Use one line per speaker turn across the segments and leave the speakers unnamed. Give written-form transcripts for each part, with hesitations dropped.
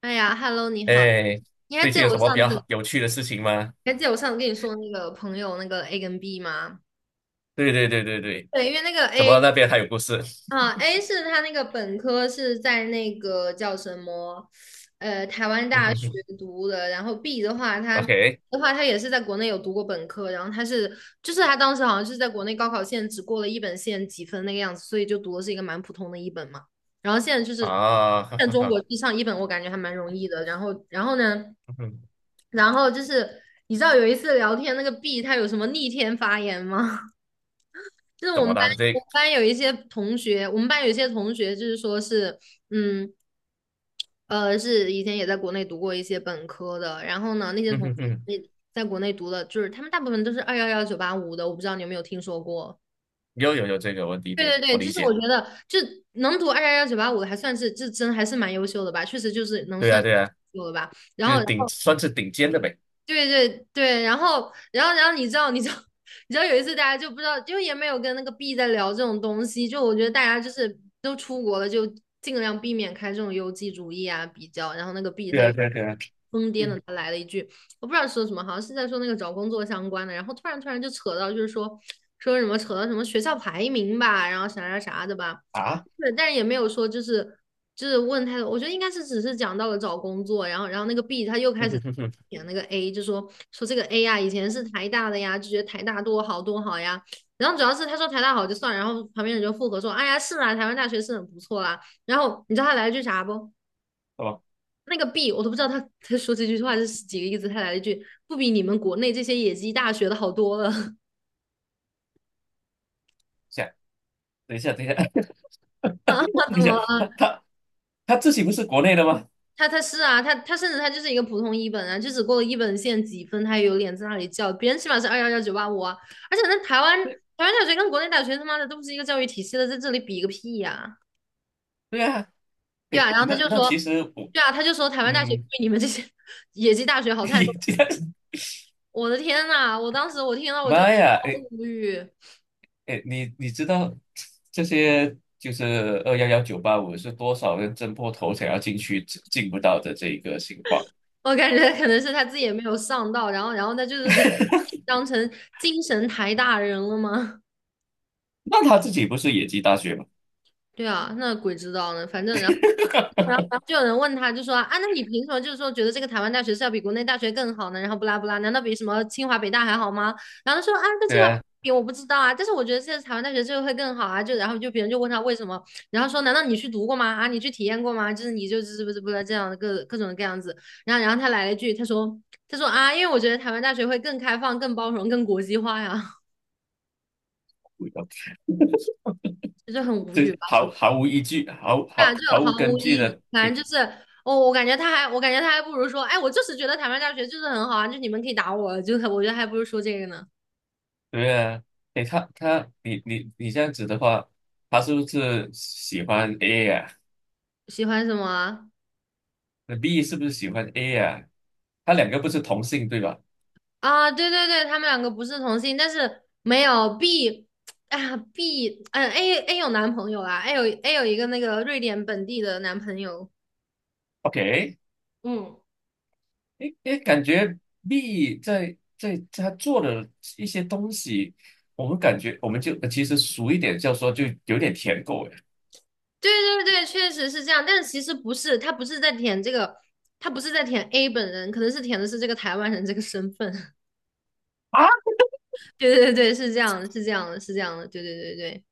哎呀，Hello，你好，
哎，
你还
最
记
近
得
有
我
什么
上
比较
次，
好有趣的事情吗？
还记得我上次跟你说那个朋友那个 A 跟 B 吗？
对对对对对。
对，因为那个
怎
A
么那边还有故事？
啊 ，A 是他那个本科是在那个叫什么，台湾
嗯
大
哼
学
哼
读的。然后 B 的话，
，OK。
他也是在国内有读过本科，然后就是他当时好像是在国内高考线只过了一本线几分那个样子，所以就读的是一个蛮普通的一本嘛。然后现在就是
啊，哈
在
哈
中国
哈。
去上一本，我感觉还蛮容易的。然后呢，
嗯哼，
然后就是你知道有一次聊天那个 B 他有什么逆天发言吗？就是
怎
我们
么
班，
啦？这，
我们班有一些同学就是说是，嗯，是以前也在国内读过一些本科的，然后呢，那些
嗯
同
哼
学
哼，
那在国内读的，就是他们大部分都是二幺幺九八五的，我不知道你有没有听说过。
又有这个问题
对
点，
对对，
我
就
理
是
解。
我觉得，就能读二幺幺九八五的，还算是这真还是蛮优秀的吧，确实就是能
对啊
算
对啊，
有秀的吧。然
就
后，
是
然后
算是顶尖的呗。
对对对，然后你知道 你知道有一次大家就不知道，就也没有跟那个 B 在聊这种东西，就我觉得大家就是都出国了，就尽量避免开这种优绩主义啊比较。然后那个 B 他
对
有
啊对啊对啊。
疯癫的，
嗯
他来了一句，我不知道说什么，好像是在说那个找工作相关的，然后突然就扯到就是说说什么扯到什么学校排名吧，然后啥啥啥的吧。
啊，
对，但是也没有说就是就是问他，多，我觉得应该是只是讲到了找工作，然后那个 B 他又开
嗯
始
哼哼哼。
点那个 A，就说说这个 A 呀、啊以前是台大的呀，就觉得台大多好多好呀。然后主要是他说台大好就算了然后旁边人就附和说，哎呀是啊，台湾大学是很不错啦。然后你知道他来了句啥不？
哦，
那个 B 我都不知道他说这句话是几个意思，他来了一句不比你们国内这些野鸡大学的好多了
想等一下，等一下
啊？
等一
怎么？
下，他自己不是国内的吗？
他是啊，他甚至他就是一个普通一本啊，就只过了一本线几分，他也有脸在那里叫别人起码是二幺幺九八五啊，而且那台湾
对，
台湾大学跟国内大学他妈的都不是一个教育体系的，在这里比个屁呀、
对啊。
对啊，
对，
然后他
那
就
那
说，
其实我
对啊，他就说台湾大学对
嗯，
你们这些 野鸡大学好 太多，
也这样。
我的天呐，我当时我听 到我就超
妈呀！
无语，
哎，你知道这些就是211、985是多少人挣破头想要进去进不到的这一个情况？
我感觉可能是他自己也没有上到，然后他就是可能 当成精神台大人了吗？
那他自己不是野鸡大学吗？
对啊，那鬼知道呢，反正然后。然后，然后就有人问他，就说啊，那你凭什么就是说觉得这个台湾大学是要比国内大学更好呢？然后不拉不拉，难道比什么清华北大还好吗？然后他说啊，跟
对
清华
啊，
比我不知道啊，但是我觉得现在台湾大学这个会更好啊。就然后就别人就问他为什么，然后说难道你去读过吗？啊，你去体验过吗？就是你就是不是不是这样的各种各样子。然后他来了一句，他说啊，因为我觉得台湾大学会更开放、更包容、更国际化呀，就是很无语
这
吧，是不
毫
是
毫无依据，毫
啊，
毫
这
毫
毫
无
无
根
意
据
义
的。
反
对，
正就是，哦，我感觉他还不如说，哎，我就是觉得台湾大学就是很好啊，就你们可以打我，就我觉得还不如说这个呢。
对啊。哎，他你这样子的话，他是不是喜欢 A 呀？
喜欢什么啊？
那 B 是不是喜欢 A 呀？他两个不是同性对吧
啊对对对，他们两个不是同性，但是没有 B，哎呀 B，嗯 A 有男朋友啦，A 有一个那个瑞典本地的男朋友。
？OK。
嗯，
诶诶，感觉 B 在他做的一些东西，我们感觉我们就其实俗一点叫说就有点舔狗。
对对对，确实是这样，但是其实不是，他不是在舔 A 本人，可能是舔的是这个台湾人这个身份。
哎啊，
对对对，是这样的，是这样的，是这样的，对对对对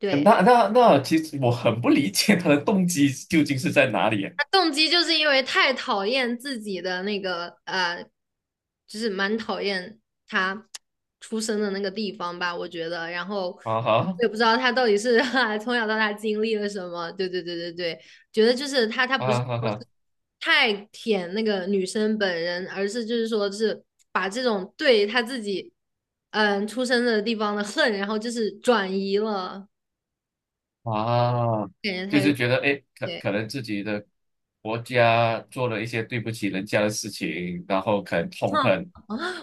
对。
那那其实我很不理解他的动机究竟是在哪里。
他动机就是因为太讨厌自己的那个就是蛮讨厌他出生的那个地方吧，我觉得。然后
啊
我
哈，
也不知道他到底是 从小到大经历了什么。对对对对对，觉得就是他不是
啊哈
说是
哈
太舔那个女生本人，而是就是说是把这种对他自己出生的地方的恨，然后就是转移了，
啊，
感觉他
就
有
是觉得哎诶可
点。
可
对，
能自己的国家做了一些对不起人家的事情，然后可能痛
哼，
恨。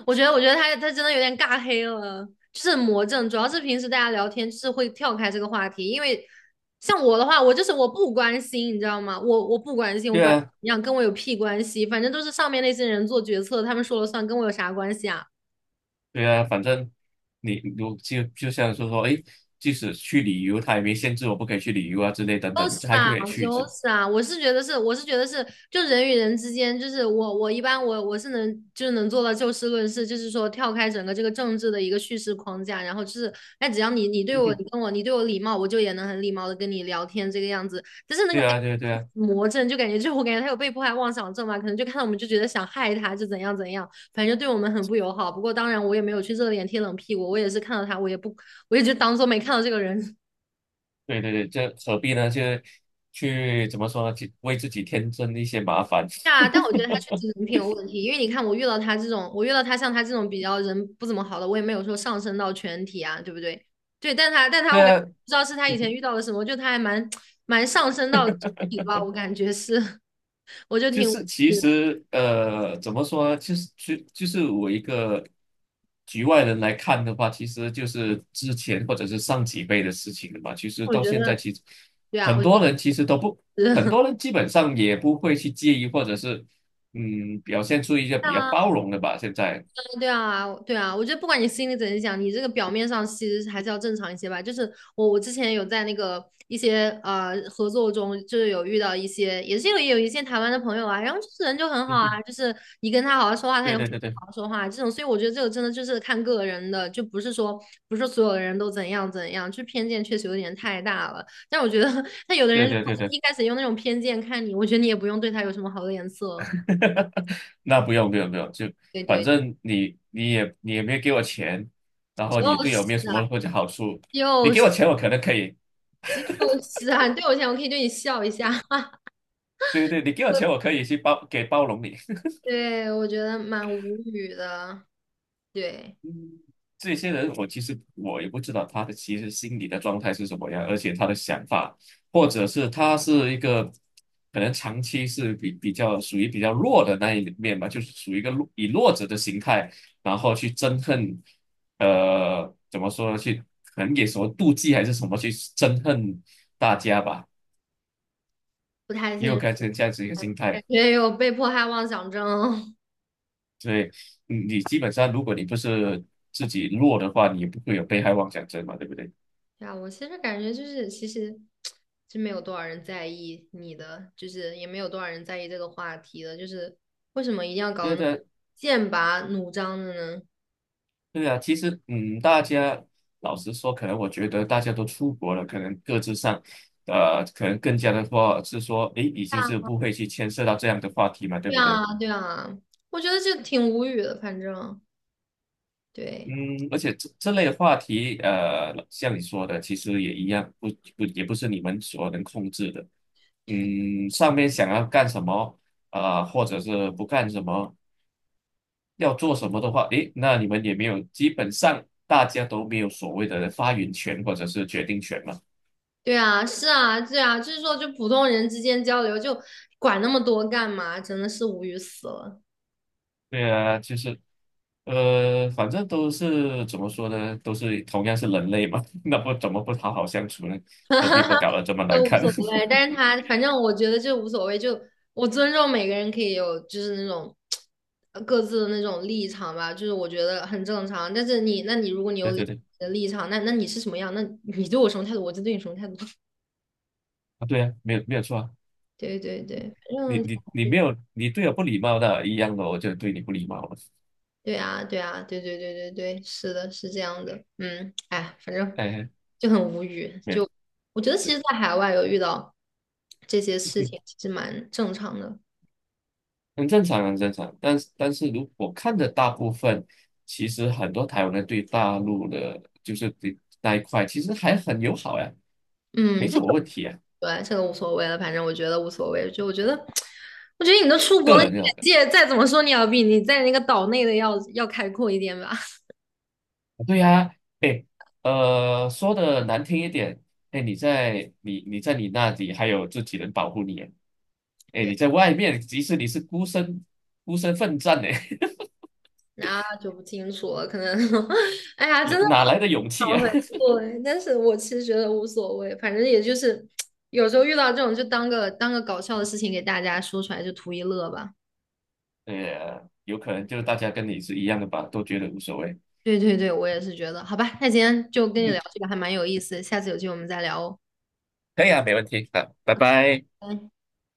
我觉得他真的有点尬黑了，就是魔怔。主要是平时大家聊天就是会跳开这个话题，因为像我的话，我就是我不关心，你知道吗？我不关心，我
对
管
啊，
你想跟我有屁关系？反正都是上面那些人做决策，他们说了算，跟我有啥关系啊？
对啊，反正你如就就像是说，诶，即使去旅游，他也没限制我不可以去旅游啊之类等等，
是
这还
啊，
可以去一
都
次。
傻是啊，我是觉得是，我是觉得是，就人与人之间，就是我一般我是能就是能做到就事论事，就是说跳开整个这个政治的一个叙事框架，然后就是，哎，只要你对我礼貌，我就也能很礼貌的跟你聊天这个样子。但是那个
对
哎
啊对啊。
魔怔，就感觉就我感觉他有被迫害妄想症嘛，可能就看到我们就觉得想害他，就怎样怎样，反正对我们很不友好。不过当然我也没有去热脸贴冷屁股，我也是看到他，我也就当做没看到这个人。
对啊对对，这何必呢？就去怎么说呢？去为自己添增一些麻烦。
对啊，但我觉得他确实人品有问题，因为你看我遇到他这种，我遇到他像他这种比较人不怎么好的，我也没有说上升到全体啊，对不对？对，但 他
对
我感觉
啊，
不知道是他以前遇到了什么，就他还蛮上升到体吧，我感觉是，我就
就
挺，
是其实怎么说呢？就是我一个局外人来看的话，其实就是之前或者是上几辈的事情了嘛。其实
我
到
觉
现在，
得
其实
对啊，
很
我觉
多
得
人其实都不，很
是
多人基本上也不会去介意，或者是表现出一些比较 包容的吧。现在，
对啊，对啊，我觉得不管你心里怎么想，你这个表面上其实还是要正常一些吧。就是我，我之前有在那个一些合作中，就是有遇到一些，也是有一些台湾的朋友啊，然后就是人就很 好啊，
嗯，
就是你跟他好好说话，他
对
也会
对对
好好
对
说话这种。所以我觉得这个真的就是看个人的，就不是说不是所有的人都怎样怎样，就偏见确实有点太大了。但我觉得，那有的
对
人如
对对
果
对。
一开始用那种偏见看你，我觉得你也不用对他有什么好的脸色。
那不用不用不用，就
对
反
对，
正你也没有给我钱，然后你
就
对我
是
没有什么
啊，
或者好处。你
就
给
是。
我钱我可能可以。
就是啊，你对我这样，我可以对你笑一下。
对对对，你给我钱我 可以去包容你。
对，我觉得蛮无语的，对，
这些人，我其实我也不知道他的其实心理的状态是什么样，而且他的想法，或者是他是一个可能长期是比较属于比较弱的那一面吧，就是属于一个弱以弱者的形态，然后去憎恨。怎么说呢？去可能也什么妒忌还是什么去憎恨大家吧，
不太
也有
清，
该成这样子一个心
感
态。
觉有被迫害妄想症。
所以你基本上，如果你不是自己弱的话，你也不会有被害妄想症嘛，对不对？
呀，我其实感觉就是，其实真没有多少人在意你的，就是也没有多少人在意这个话题的，就是为什么一定要搞
因
得那
为
么
对。
剑拔弩张的呢？
对啊，其实大家老实说，可能我觉得大家都出国了，可能各自上，可能更加的话是说，诶，已经是不会去牵涉到这样的话题嘛，对
对
不对？
啊，对啊，对啊，我觉得就挺无语的，反正
嗯，
对。
而且这类的话题，像你说的，其实也一样，不不也不是你们所能控制的。嗯，上面想要干什么，啊，或者是不干什么，要做什么的话，诶，那你们也没有，基本上大家都没有所谓的发言权或者是决定权嘛。
对啊，是啊，对啊，就是说，就普通人之间交流，就管那么多干嘛？真的是无语死了，
对啊，就是，反正都是怎么说呢，都是同样是人类嘛，那不怎么不好好相处呢？何必不搞得这么难
都无
看？
所谓。但是他反正我觉得就无所谓，就我尊重每个人可以有就是那种各自的那种立场吧，就是我觉得很正常。但是你，那你如果你有
对
你
对对。
的立场，那你是什么样？那你对我什么态度，我就对你什么态度。
啊对啊，没有错啊。
对对对，反
你
正
你你没有，你对我不礼貌的一样的，我就对你不礼貌了。
对啊，对啊，对对对对对，是的，是这样的。嗯，哎，反正。
哎，
就很无语。
没有，
就我觉得，其
对。
实，在海外有遇到这些事情，其实蛮正常的。
很正常，很正常。但是如果看着大部分，其实很多台湾人对大陆的，就是对那一块，其实还很友好呀，
嗯，
没
这
什么
个
问题啊，
对，这个无所谓了，反正我觉得无所谓。就我觉得，我觉得你都出国
个
了，你
人认为。
眼界再怎么说，你要比你在那个岛内的要开阔一点吧。
对呀，哎，说的难听一点，哎，你在你那里还有自己人保护你，哎，你在外面，即使你是孤身奋战呢，
那就不清楚了，可能，哎呀，真 的
哪来的勇气
不好
啊？
回复哎但是我其实觉得无所谓，反正也就是 有时候遇到这种，就当个搞笑的事情给大家说出来，就图一乐吧。
对，有可能就是大家跟你是一样的吧，都觉得无所谓。
对对对，我也是觉得，好吧，那今天就跟你
嗯，
聊这个还蛮有意思下次有机会我们再聊哦。
可以啊，没问题啊，拜拜。
拜拜